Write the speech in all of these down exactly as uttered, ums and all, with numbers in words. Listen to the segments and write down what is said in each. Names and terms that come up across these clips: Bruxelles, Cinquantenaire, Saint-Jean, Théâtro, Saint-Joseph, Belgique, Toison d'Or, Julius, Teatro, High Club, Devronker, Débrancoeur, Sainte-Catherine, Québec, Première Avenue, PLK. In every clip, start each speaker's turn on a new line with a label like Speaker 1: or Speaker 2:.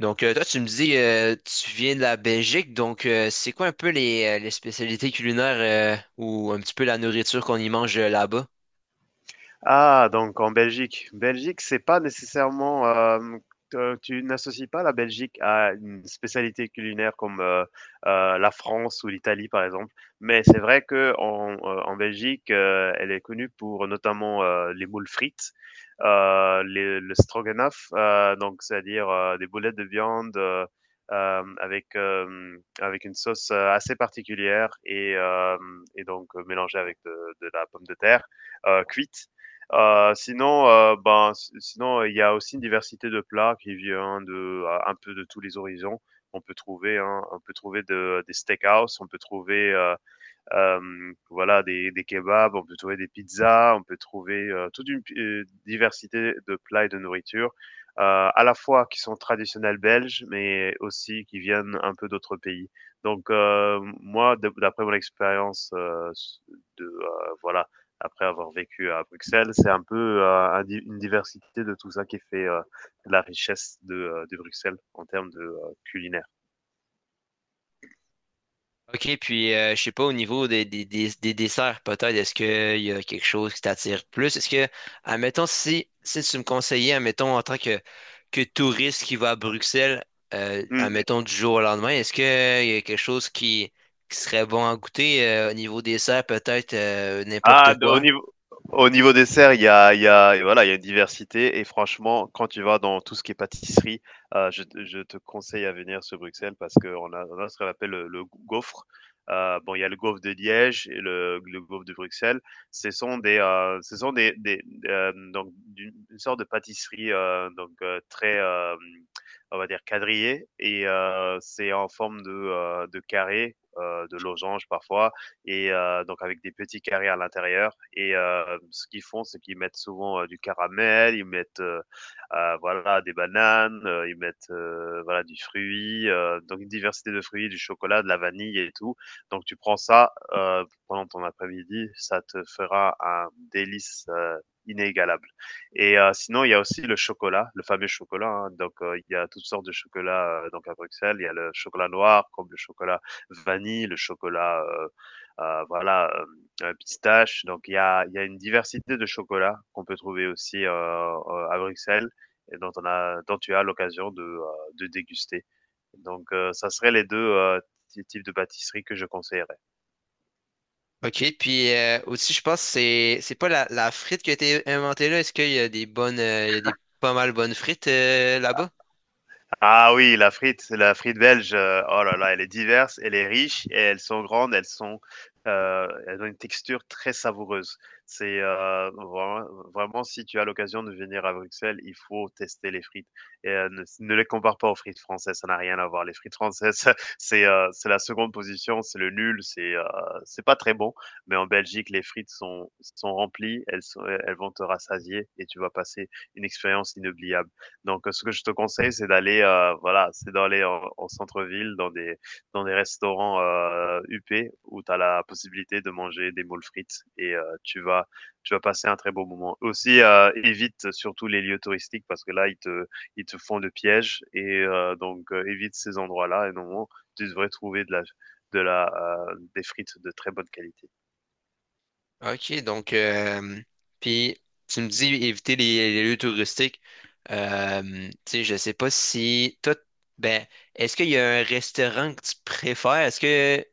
Speaker 1: Donc, euh, toi, tu me dis, euh, tu viens de la Belgique, donc euh, c'est quoi un peu les, euh, les spécialités culinaires euh, ou un petit peu la nourriture qu'on y mange euh, là-bas?
Speaker 2: Ah, donc en Belgique. Belgique, c'est pas nécessairement. Euh, te- tu n'associes pas la Belgique à une spécialité culinaire comme euh, euh, la France ou l'Italie, par exemple. Mais c'est vrai que en, euh, en Belgique, euh, elle est connue pour notamment euh, les moules frites, euh, les- le stroganoff, euh, donc c'est-à-dire euh, des boulettes de viande. euh, euh, avec euh, avec une sauce euh, assez particulière et euh, et donc euh, mélangée avec de, de la pomme de terre euh, cuite. Heu, sinon, heu, ben, si sinon il y a aussi une diversité de plats qui vient de un peu de tous les horizons. On peut trouver, hein, on peut trouver de des steakhouse, on peut trouver, heu Hem, voilà des des kebabs, on peut trouver des pizzas, on peut trouver, heu, toute une pi diversité de plats et de nourriture, heu, à la fois qui sont traditionnels belges, mais aussi qui viennent un peu d'autres pays. Donc, heu, moi de d'après mon expérience, heu, s de, heu, voilà, après avoir vécu à Bruxelles, c'est un peu, heu, un di une diversité de tout ça qui fait, heu, la richesse de, heu, de Bruxelles en termes de, heu, culinaire.
Speaker 1: Ok, puis euh, je sais pas, au niveau des, des, des, des desserts, peut-être, est-ce qu'il y a quelque chose qui t'attire plus? Est-ce que, admettons, si, si tu me conseillais, admettons, en tant que, que touriste qui va à Bruxelles, euh,
Speaker 2: Mmh.
Speaker 1: admettons, du jour au lendemain, est-ce qu'il y a quelque chose qui, qui serait bon à goûter euh, au niveau dessert, peut-être euh,
Speaker 2: Ah,
Speaker 1: n'importe
Speaker 2: de- au
Speaker 1: quoi?
Speaker 2: niveau, au niveau dessert, il y a, il y a, et voilà, il y a une diversité. Et franchement, quand tu vas dans tout ce qui est pâtisserie, euh, je, te- je te conseille à venir sur Bruxelles parce qu'on a, on a ce qu'on appelle le, le gaufre. Euh, bon, il y a le gaufre de Liège et le, le gaufre de Bruxelles. Ce sont des, euh, ce sont des, des euh, donc d'une une sorte de pâtisserie euh, donc euh, très, euh, on va dire quadrillée et euh, c'est en forme de, euh, de carré, euh, de losange parfois et euh, donc avec des petits carrés à l'intérieur. Et euh, ce qu'ils font, c'est qu'ils mettent souvent euh, du caramel, ils mettent euh, euh, voilà des bananes, euh, ils mettent euh, voilà du fruit, euh, donc une diversité de fruits, du chocolat, de la vanille et tout. Donc tu prends ça euh, pendant ton après-midi, ça te fera un délice euh, inégalable. Et euh, sinon, il y a aussi le chocolat, le fameux chocolat, hein. Donc, euh, il y a toutes sortes de chocolats euh, donc à Bruxelles. Il y a le chocolat noir, comme le chocolat vanille, le chocolat euh, heu, voilà, hem, pistache. Donc il y a il y a une diversité de chocolats qu'on peut trouver aussi, heu heu, à Bruxelles et dont on a dont tu as l'occasion de, heu, de déguster. Donc heu, ça serait les deux heu, ty types de pâtisseries que je conseillerais.
Speaker 1: OK, puis euh, aussi, je pense que c'est c'est pas la, la frite qui a été inventée là. Est-ce qu'il y a des bonnes, euh, il y a des pas mal bonnes frites euh, là-bas?
Speaker 2: Ah oui, la frite, la frite belge, heu, oh là là, elle est diverse, elle est riche et elles sont grandes, elles sont, heu, elles ont une texture très savoureuse. C'est, heu, vraiment vraiment si tu as l'occasion de venir à Bruxelles, il faut tester les frites et heu, ne ne les compare pas aux frites françaises, ça n'a rien à voir. Les frites françaises, c'est, heu, c'est la seconde position, c'est le nul, c'est, heu, c'est pas très bon, mais en Belgique, les frites sont sont remplies, elles sont elles vont te rassasier et tu vas passer une expérience inoubliable. Donc, heu, ce que je te conseille, c'est d'aller, heu, voilà, c'est d'aller en en centre-ville, dans des dans des restaurants, heu, huppés où tu as la possibilité de manger des moules frites et heu, tu vas tu vas passer un très beau moment. Aussi, heu, évite surtout les lieux touristiques parce que là, ils te ils te font le piège et heu, donc heu, évite ces endroits-là et normalement, tu devrais trouver de la de la, heu, des frites de très bonne qualité.
Speaker 1: OK, donc, euh, puis tu me dis éviter les, les lieux touristiques. Euh, tu sais, je sais pas si toi, ben, est-ce qu'il y a un restaurant que tu préfères? Est-ce que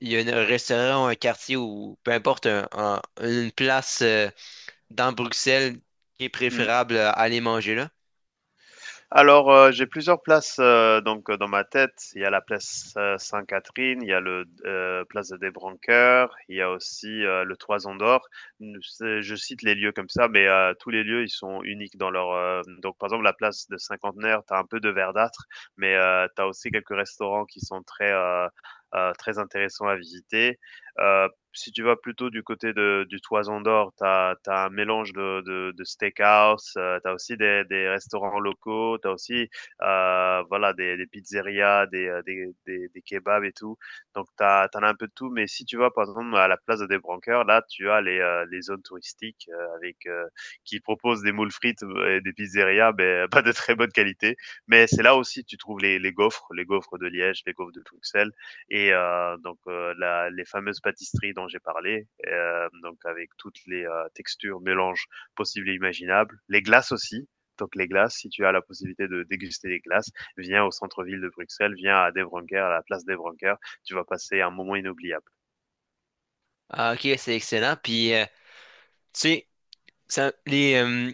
Speaker 1: il y a un restaurant ou un quartier ou peu importe, un- un- une place euh, dans Bruxelles qui est
Speaker 2: Mmh.
Speaker 1: préférable à aller manger là?
Speaker 2: Alors, heu, j'ai plusieurs places, heu, donc, heu, dans ma tête. Il y a la place, heu, Sainte-Catherine, il y a le, heu, place des Débrancoeur, il y a aussi, heu, le Toison d'Or. Mmh, c'est je cite les lieux comme ça, mais, heu, tous les lieux, ils sont uniques dans leur, heu donc par exemple, la place de Cinquantenaire, tu as un peu de verdâtre, mais, heu, tu aussi quelques restaurants qui sont très, heu heu, très intéressants à visiter. Heu Si tu vas plutôt du côté de du Toison d'Or, tu as un mélange de de de steakhouse, heu, tu as aussi des des restaurants locaux, tu as aussi, heu, voilà des des pizzerias, des, heu, des des des kebabs et tout. Donc tu as tu as un peu de tout, mais si tu vas par exemple à la place de Débrancoeur, là tu as les, heu, les zones touristiques, heu, avec, heu, qui proposent des moules frites, euh, et des pizzerias, mais pas de très bonne qualité. Mais c'est là aussi tu trouves les les gaufres, les gaufres de Liège, les gaufres de Bruxelles. Et euh, donc euh, la, les fameuses pâtisseries dont j'ai parlé, euh, donc avec toutes les euh, textures, mélanges possibles et imaginables, les glaces aussi. Donc les glaces, si tu as la possibilité de déguster des glaces, viens au centre-ville de Bruxelles, viens à Devronker, à la place Devronker, tu vas passer un moment inoubliable.
Speaker 1: Ah, OK, c'est excellent. Puis, euh, tu sais, ça- les, euh,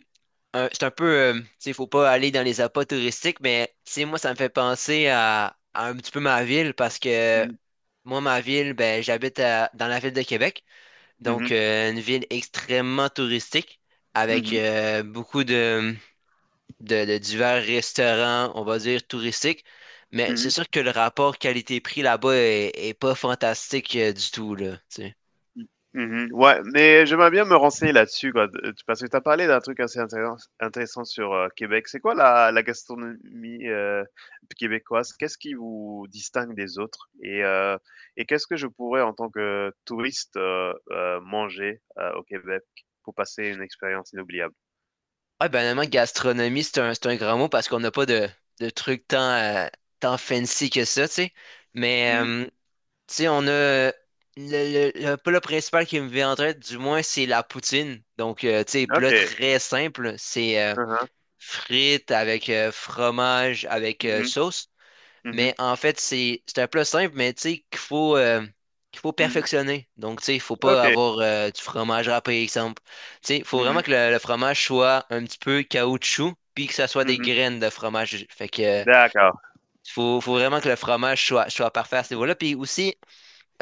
Speaker 1: euh, c'est un peu, euh, tu sais, faut pas aller dans les appâts touristiques, mais tu sais, moi, ça me fait penser à, à un petit peu ma ville parce que
Speaker 2: Mhm,
Speaker 1: moi, ma ville, ben, j'habite à- dans la ville de Québec, donc
Speaker 2: mhm,
Speaker 1: euh, une ville extrêmement touristique avec
Speaker 2: mhm,
Speaker 1: euh, beaucoup de, de, de divers restaurants, on va dire touristiques, mais c'est
Speaker 2: mhm.
Speaker 1: sûr que le rapport qualité-prix là-bas est, est pas fantastique euh, du tout, là, tu sais.
Speaker 2: Mhm. Ouais, mais j'aimerais bien me renseigner là-dessus, quoi, de- parce que tu as parlé d'un truc assez intéressant, intéressant sur euh, Québec. C'est quoi la, la gastronomie euh, québécoise? Qu'est-ce qui vous distingue des autres? Et, euh, et qu'est-ce que je pourrais, en tant que touriste, euh, euh, manger euh, au Québec pour passer une expérience inoubliable?
Speaker 1: Ouais, banalement, gastronomie, c'est un, c'est un grand mot parce qu'on n'a pas de, de trucs tant, euh, tant fancy que ça, tu sais. Mais,
Speaker 2: Mm,
Speaker 1: euh, tu sais, on a. euh, Le, le, le plat principal qui me vient en tête, du moins, c'est la poutine. Donc, euh, tu sais, plat
Speaker 2: ok.
Speaker 1: très simple. C'est euh,
Speaker 2: Mhm,
Speaker 1: frites avec euh, fromage, avec euh,
Speaker 2: mhm,
Speaker 1: sauce. Mais
Speaker 2: mhm,
Speaker 1: en fait, c'est c'est un plat simple, mais tu sais qu'il faut, euh, qu'il faut
Speaker 2: mm,
Speaker 1: perfectionner. Donc, tu sais, il faut pas
Speaker 2: ok.
Speaker 1: avoir euh, du fromage râpé, exemple. Tu sais, il faut vraiment
Speaker 2: Mhm,
Speaker 1: que le, le fromage soit un petit peu caoutchouc, puis que ça soit des
Speaker 2: mhm.
Speaker 1: graines de fromage. Fait que euh,
Speaker 2: D'accord.
Speaker 1: faut, faut vraiment que le fromage soit, soit parfait à ce niveau-là. Puis aussi,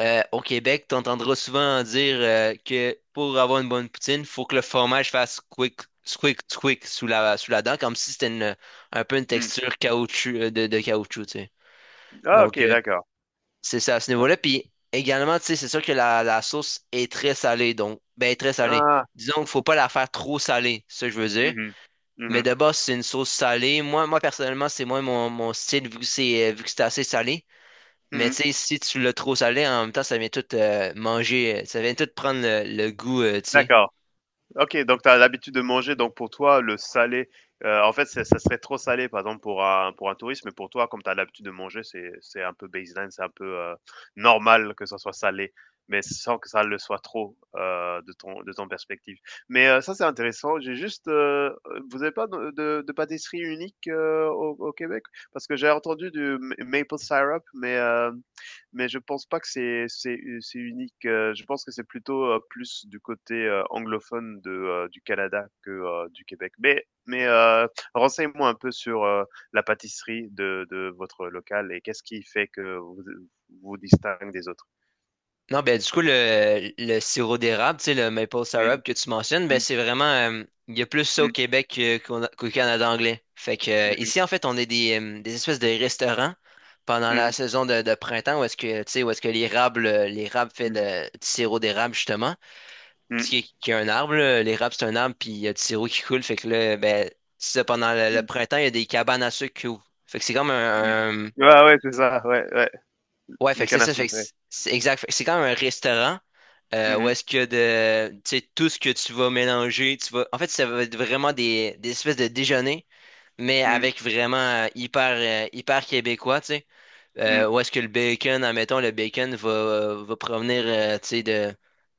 Speaker 1: euh, au Québec, tu entendras souvent dire euh, que pour avoir une bonne poutine, il faut que le fromage fasse squick, squick, squick sous la, sous la dent, comme si c'était une, un peu une
Speaker 2: Mm.
Speaker 1: texture caoutchouc, euh, de, de caoutchouc, tu sais.
Speaker 2: Ah, ok,
Speaker 1: Donc, euh,
Speaker 2: d'accord.
Speaker 1: c'est ça, à ce niveau-là. Puis également, tu sais, c'est sûr que la, la sauce est très salée, donc, ben, très salée.
Speaker 2: Ah,
Speaker 1: Disons qu'il faut pas la faire trop salée, c'est ça que je veux dire.
Speaker 2: mhm,
Speaker 1: Mais
Speaker 2: mhm,
Speaker 1: de base, c'est une sauce salée. Moi, moi personnellement, c'est moins mon, mon style, vu que c'est, euh, vu que c'est assez salé. Mais tu
Speaker 2: mhm.
Speaker 1: sais, si tu l'as trop salé, en même temps, ça vient tout euh, manger, euh, ça vient tout prendre le, le goût, euh, tu sais.
Speaker 2: D'accord. OK, donc tu as l'habitude de manger, donc pour toi, le salé, heu, en fait, c'est ça serait trop salé, par exemple, pour un pour un touriste, mais pour toi, comme tu as l'habitude de manger, c'est c'est un peu baseline, c'est un peu, heu, normal que ça soit salé, mais sans que ça le soit trop, heu, de ton de ton perspective. Mais, heu, ça, c'est intéressant. J'ai juste, heu, vous avez pas de de de pâtisserie unique, heu, au au Québec? Parce que j'ai entendu du ma maple syrup, mais, heu mais je pense pas que c'est c'est c'est unique, heu, je pense que c'est plutôt, heu, plus du côté, heu, anglophone de, heu, du Canada que, heu, du Québec. Mais mais, heu, renseigne-moi un peu sur, heu, la pâtisserie de de votre local et qu'est-ce qui fait que vous vous distingue des autres?
Speaker 1: Non, ben du coup, le, le sirop d'érable, tu sais, le maple
Speaker 2: Mmh,
Speaker 1: syrup que tu mentionnes, ben
Speaker 2: mmh,
Speaker 1: c'est vraiment, euh, il y a plus ça au
Speaker 2: mmh,
Speaker 1: Québec que- qu'au qu'au Canada anglais. Fait que euh,
Speaker 2: mmh mh.
Speaker 1: ici, en fait, on est des, euh, des espèces de restaurants pendant
Speaker 2: Mmh
Speaker 1: la
Speaker 2: mh.
Speaker 1: saison de, de printemps où est-ce que, tu sais, où est-ce que l'érable, euh, l'érable fait de, du sirop d'érable, justement. Parce
Speaker 2: Mmh,
Speaker 1: qu'il y, a qu'il y a un arbre, là, l'érable, c'est un arbre, puis il y a du sirop qui coule. Fait que là, ben, c'est ça, pendant le, le
Speaker 2: mmh,
Speaker 1: printemps, il y a des cabanes à sucre qui ouvrent. Fait que c'est comme
Speaker 2: mmh.
Speaker 1: un.
Speaker 2: Ouais, ouais, c'est ça, ouais, ouais,
Speaker 1: Ouais, fait
Speaker 2: les
Speaker 1: que c'est
Speaker 2: cannes à
Speaker 1: ça, fait
Speaker 2: sucre,
Speaker 1: que
Speaker 2: ouais.
Speaker 1: c'est c'est exact. Fait que c'est quand même un restaurant euh,
Speaker 2: Mmh
Speaker 1: où
Speaker 2: mh.
Speaker 1: est-ce que de, tu sais, tout ce que tu vas mélanger, tu vas. En fait, ça va être vraiment des, des espèces de déjeuner, mais
Speaker 2: Mmh,
Speaker 1: avec vraiment euh, hyper, euh, hyper québécois, tu sais. Euh,
Speaker 2: mmh.
Speaker 1: où est-ce que le bacon, admettons, le bacon va, va provenir, euh, tu sais, de,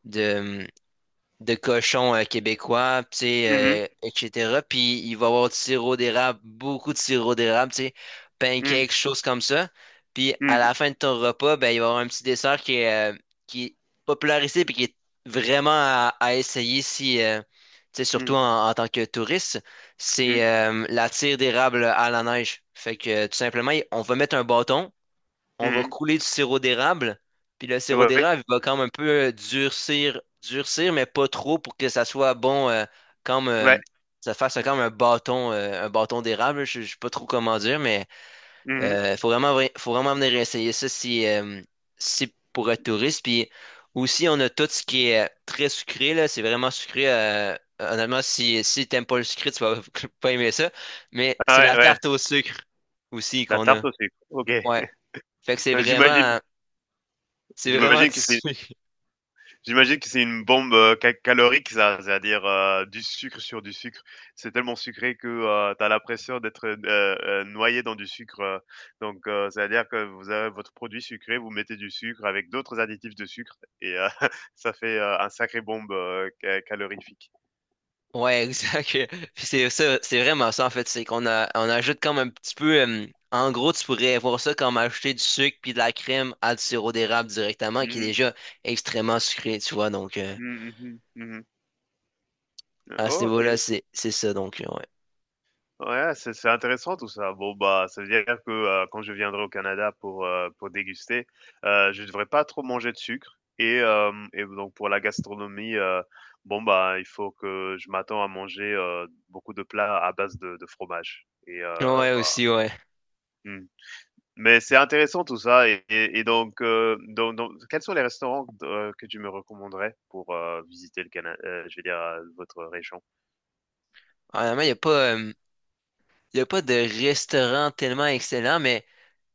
Speaker 1: de, de cochons euh, québécois, tu
Speaker 2: Mmh mh.
Speaker 1: sais, euh, et cetera. Puis il va y avoir du sirop d'érable, beaucoup de sirop d'érable, tu sais,
Speaker 2: Mmh,
Speaker 1: pancakes, choses comme ça. Puis à la
Speaker 2: mmh,
Speaker 1: fin de ton repas, ben, il va y avoir un petit dessert qui est, euh, qui est popularisé puis qui est vraiment à, à essayer si, euh, tu sais, surtout
Speaker 2: mmh,
Speaker 1: en, en tant que touriste,
Speaker 2: mmh, mmh.
Speaker 1: c'est euh, la tire d'érable à la neige. Fait que tout simplement, on va mettre un bâton, on va couler du sirop d'érable, puis le sirop
Speaker 2: Ouais, ouais.
Speaker 1: d'érable il va comme un peu euh, durcir, durcir, mais pas trop pour que ça soit bon, euh, comme
Speaker 2: Ouais.
Speaker 1: euh, ça fasse comme un bâton, euh, un bâton d'érable. Je je sais pas trop comment dire, mais
Speaker 2: Mmh.
Speaker 1: euh, faut vraiment, vra- faut vraiment venir essayer ça si, euh, si pour être touriste. Puis aussi, on a tout ce qui est euh, très sucré, là, c'est vraiment sucré. euh, Honnêtement, si, si t'aimes pas le sucré, tu vas pas aimer ça. Mais c'est
Speaker 2: Ah
Speaker 1: la
Speaker 2: ouais, ouais.
Speaker 1: tarte au sucre aussi
Speaker 2: La
Speaker 1: qu'on
Speaker 2: tarte
Speaker 1: a.
Speaker 2: au sucre. OK.
Speaker 1: Ouais. Fait que c'est vraiment,
Speaker 2: J'imagine
Speaker 1: c'est vraiment
Speaker 2: j'imagine que c'est
Speaker 1: dissous.
Speaker 2: j'imagine que c'est une bombe, heu, ca calorique ça, c'est-à-dire, heu, du sucre sur du sucre. C'est tellement sucré que, heu, tu as l'impression d'être, heu heu, noyé dans du sucre, heu, donc heu, c'est-à-dire que vous avez votre produit sucré, vous mettez du sucre avec d'autres additifs de sucre et heu, ça fait, heu, un sacré bombe, heu, ca calorifique.
Speaker 1: Ouais, exact. Puis c'est ça, c'est vraiment ça en fait, c'est qu'on a, on ajoute comme un petit peu euh, en gros, tu pourrais voir ça comme ajouter du sucre puis de la crème à du sirop d'érable directement qui est
Speaker 2: Mmh mh.
Speaker 1: déjà extrêmement sucré, tu vois. Donc euh,
Speaker 2: Mmh, mmh mh. Mmh.
Speaker 1: à ce niveau-là,
Speaker 2: OK.
Speaker 1: c'est c'est ça donc ouais.
Speaker 2: Ouais, c'est c'est intéressant tout ça. Bon, bah, ça veut dire que euh, quand je viendrai au Canada pour, euh, pour déguster, euh, je devrais pas trop manger de sucre. Et, euh, et donc, pour la gastronomie, euh, bon, bah, il faut que je m'attends à manger euh, beaucoup de plats à base de, de fromage. Et euh,
Speaker 1: Ouais
Speaker 2: bah,
Speaker 1: aussi, ouais.
Speaker 2: hmm. Mais c'est intéressant tout ça. Et, et, et donc, euh, donc, donc, quels sont les restaurants euh, que tu me recommanderais pour euh, visiter le Canada, je veux dire, euh, votre région?
Speaker 1: Honnêtement, il y a pas euh, y a pas de restaurant tellement excellent, mais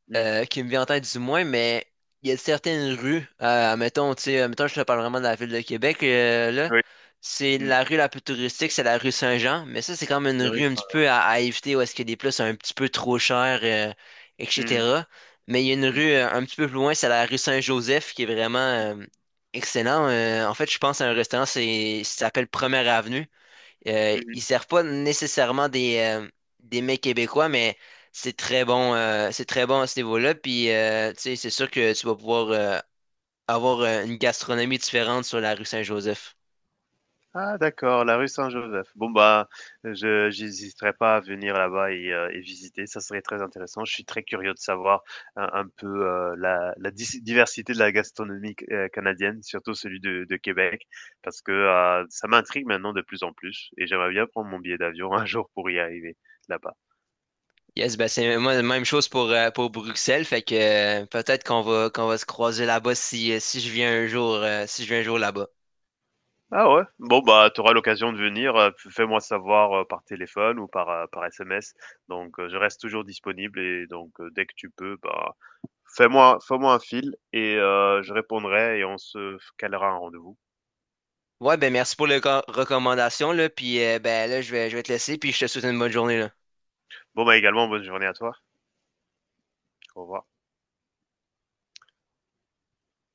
Speaker 2: Hmm.
Speaker 1: euh, qui me vient en tête du moins, mais il y a certaines rues, euh, mettons, tu sais, euh, mettons, je te parle vraiment de la ville de Québec, euh, là,
Speaker 2: Oui.
Speaker 1: c'est
Speaker 2: Hmm.
Speaker 1: la rue la plus touristique, c'est la rue Saint-Jean, mais ça, c'est comme une
Speaker 2: Oui. Oui,
Speaker 1: rue un petit peu à, à éviter où est-ce que des plats sont un petit peu trop chers, euh,
Speaker 2: hmm.
Speaker 1: et cetera. Mais il y a une
Speaker 2: Hmm.
Speaker 1: rue euh, un petit peu plus loin, c'est la rue Saint-Joseph, qui est vraiment euh, excellent. Euh, en fait, je pense à un restaurant, c'est, ça s'appelle Première Avenue. Euh,
Speaker 2: Hmm. Hmm.
Speaker 1: ils servent pas nécessairement des, euh, des mets québécois, mais c'est très bon, euh, c'est très bon à ce niveau-là. Puis, euh, tu sais, c'est sûr que tu vas pouvoir euh, avoir euh, une gastronomie différente sur la rue Saint-Joseph.
Speaker 2: Ah d'accord, la rue Saint-Joseph. Bon bah, je j'hésiterai pas à venir là-bas et heu, et visiter, ça serait très intéressant. Je suis très curieux de savoir un un peu, heu, la la dis diversité de la gastronomie c canadienne, surtout celui de de Québec, parce que, heu, ça m'intrigue maintenant de plus en plus et j'aimerais bien prendre mon billet d'avion un jour pour y arriver là-bas.
Speaker 1: Yes, ben c'est moi, la même chose pour, euh, pour Bruxelles. Fait que euh, peut-être qu'on va, qu'on va se croiser là-bas si, euh, si je viens un jour, euh, si je viens un jour là-bas.
Speaker 2: Ah ouais? Bon bah, tu auras l'occasion de venir, heu, f fais-moi savoir, heu, par téléphone ou par, heu, par S M S donc, heu, je reste toujours disponible et donc, heu, dès que tu peux, bah Fais-moi fais-moi un fil et heu, je répondrai et on se calera un rendez-vous.
Speaker 1: Ouais, ben merci pour les co- recommandations, là. Puis, euh, ben là, je vais, je vais te laisser, puis je te souhaite une bonne journée, là.
Speaker 2: Bon, bah, également bonne journée à toi. Au revoir.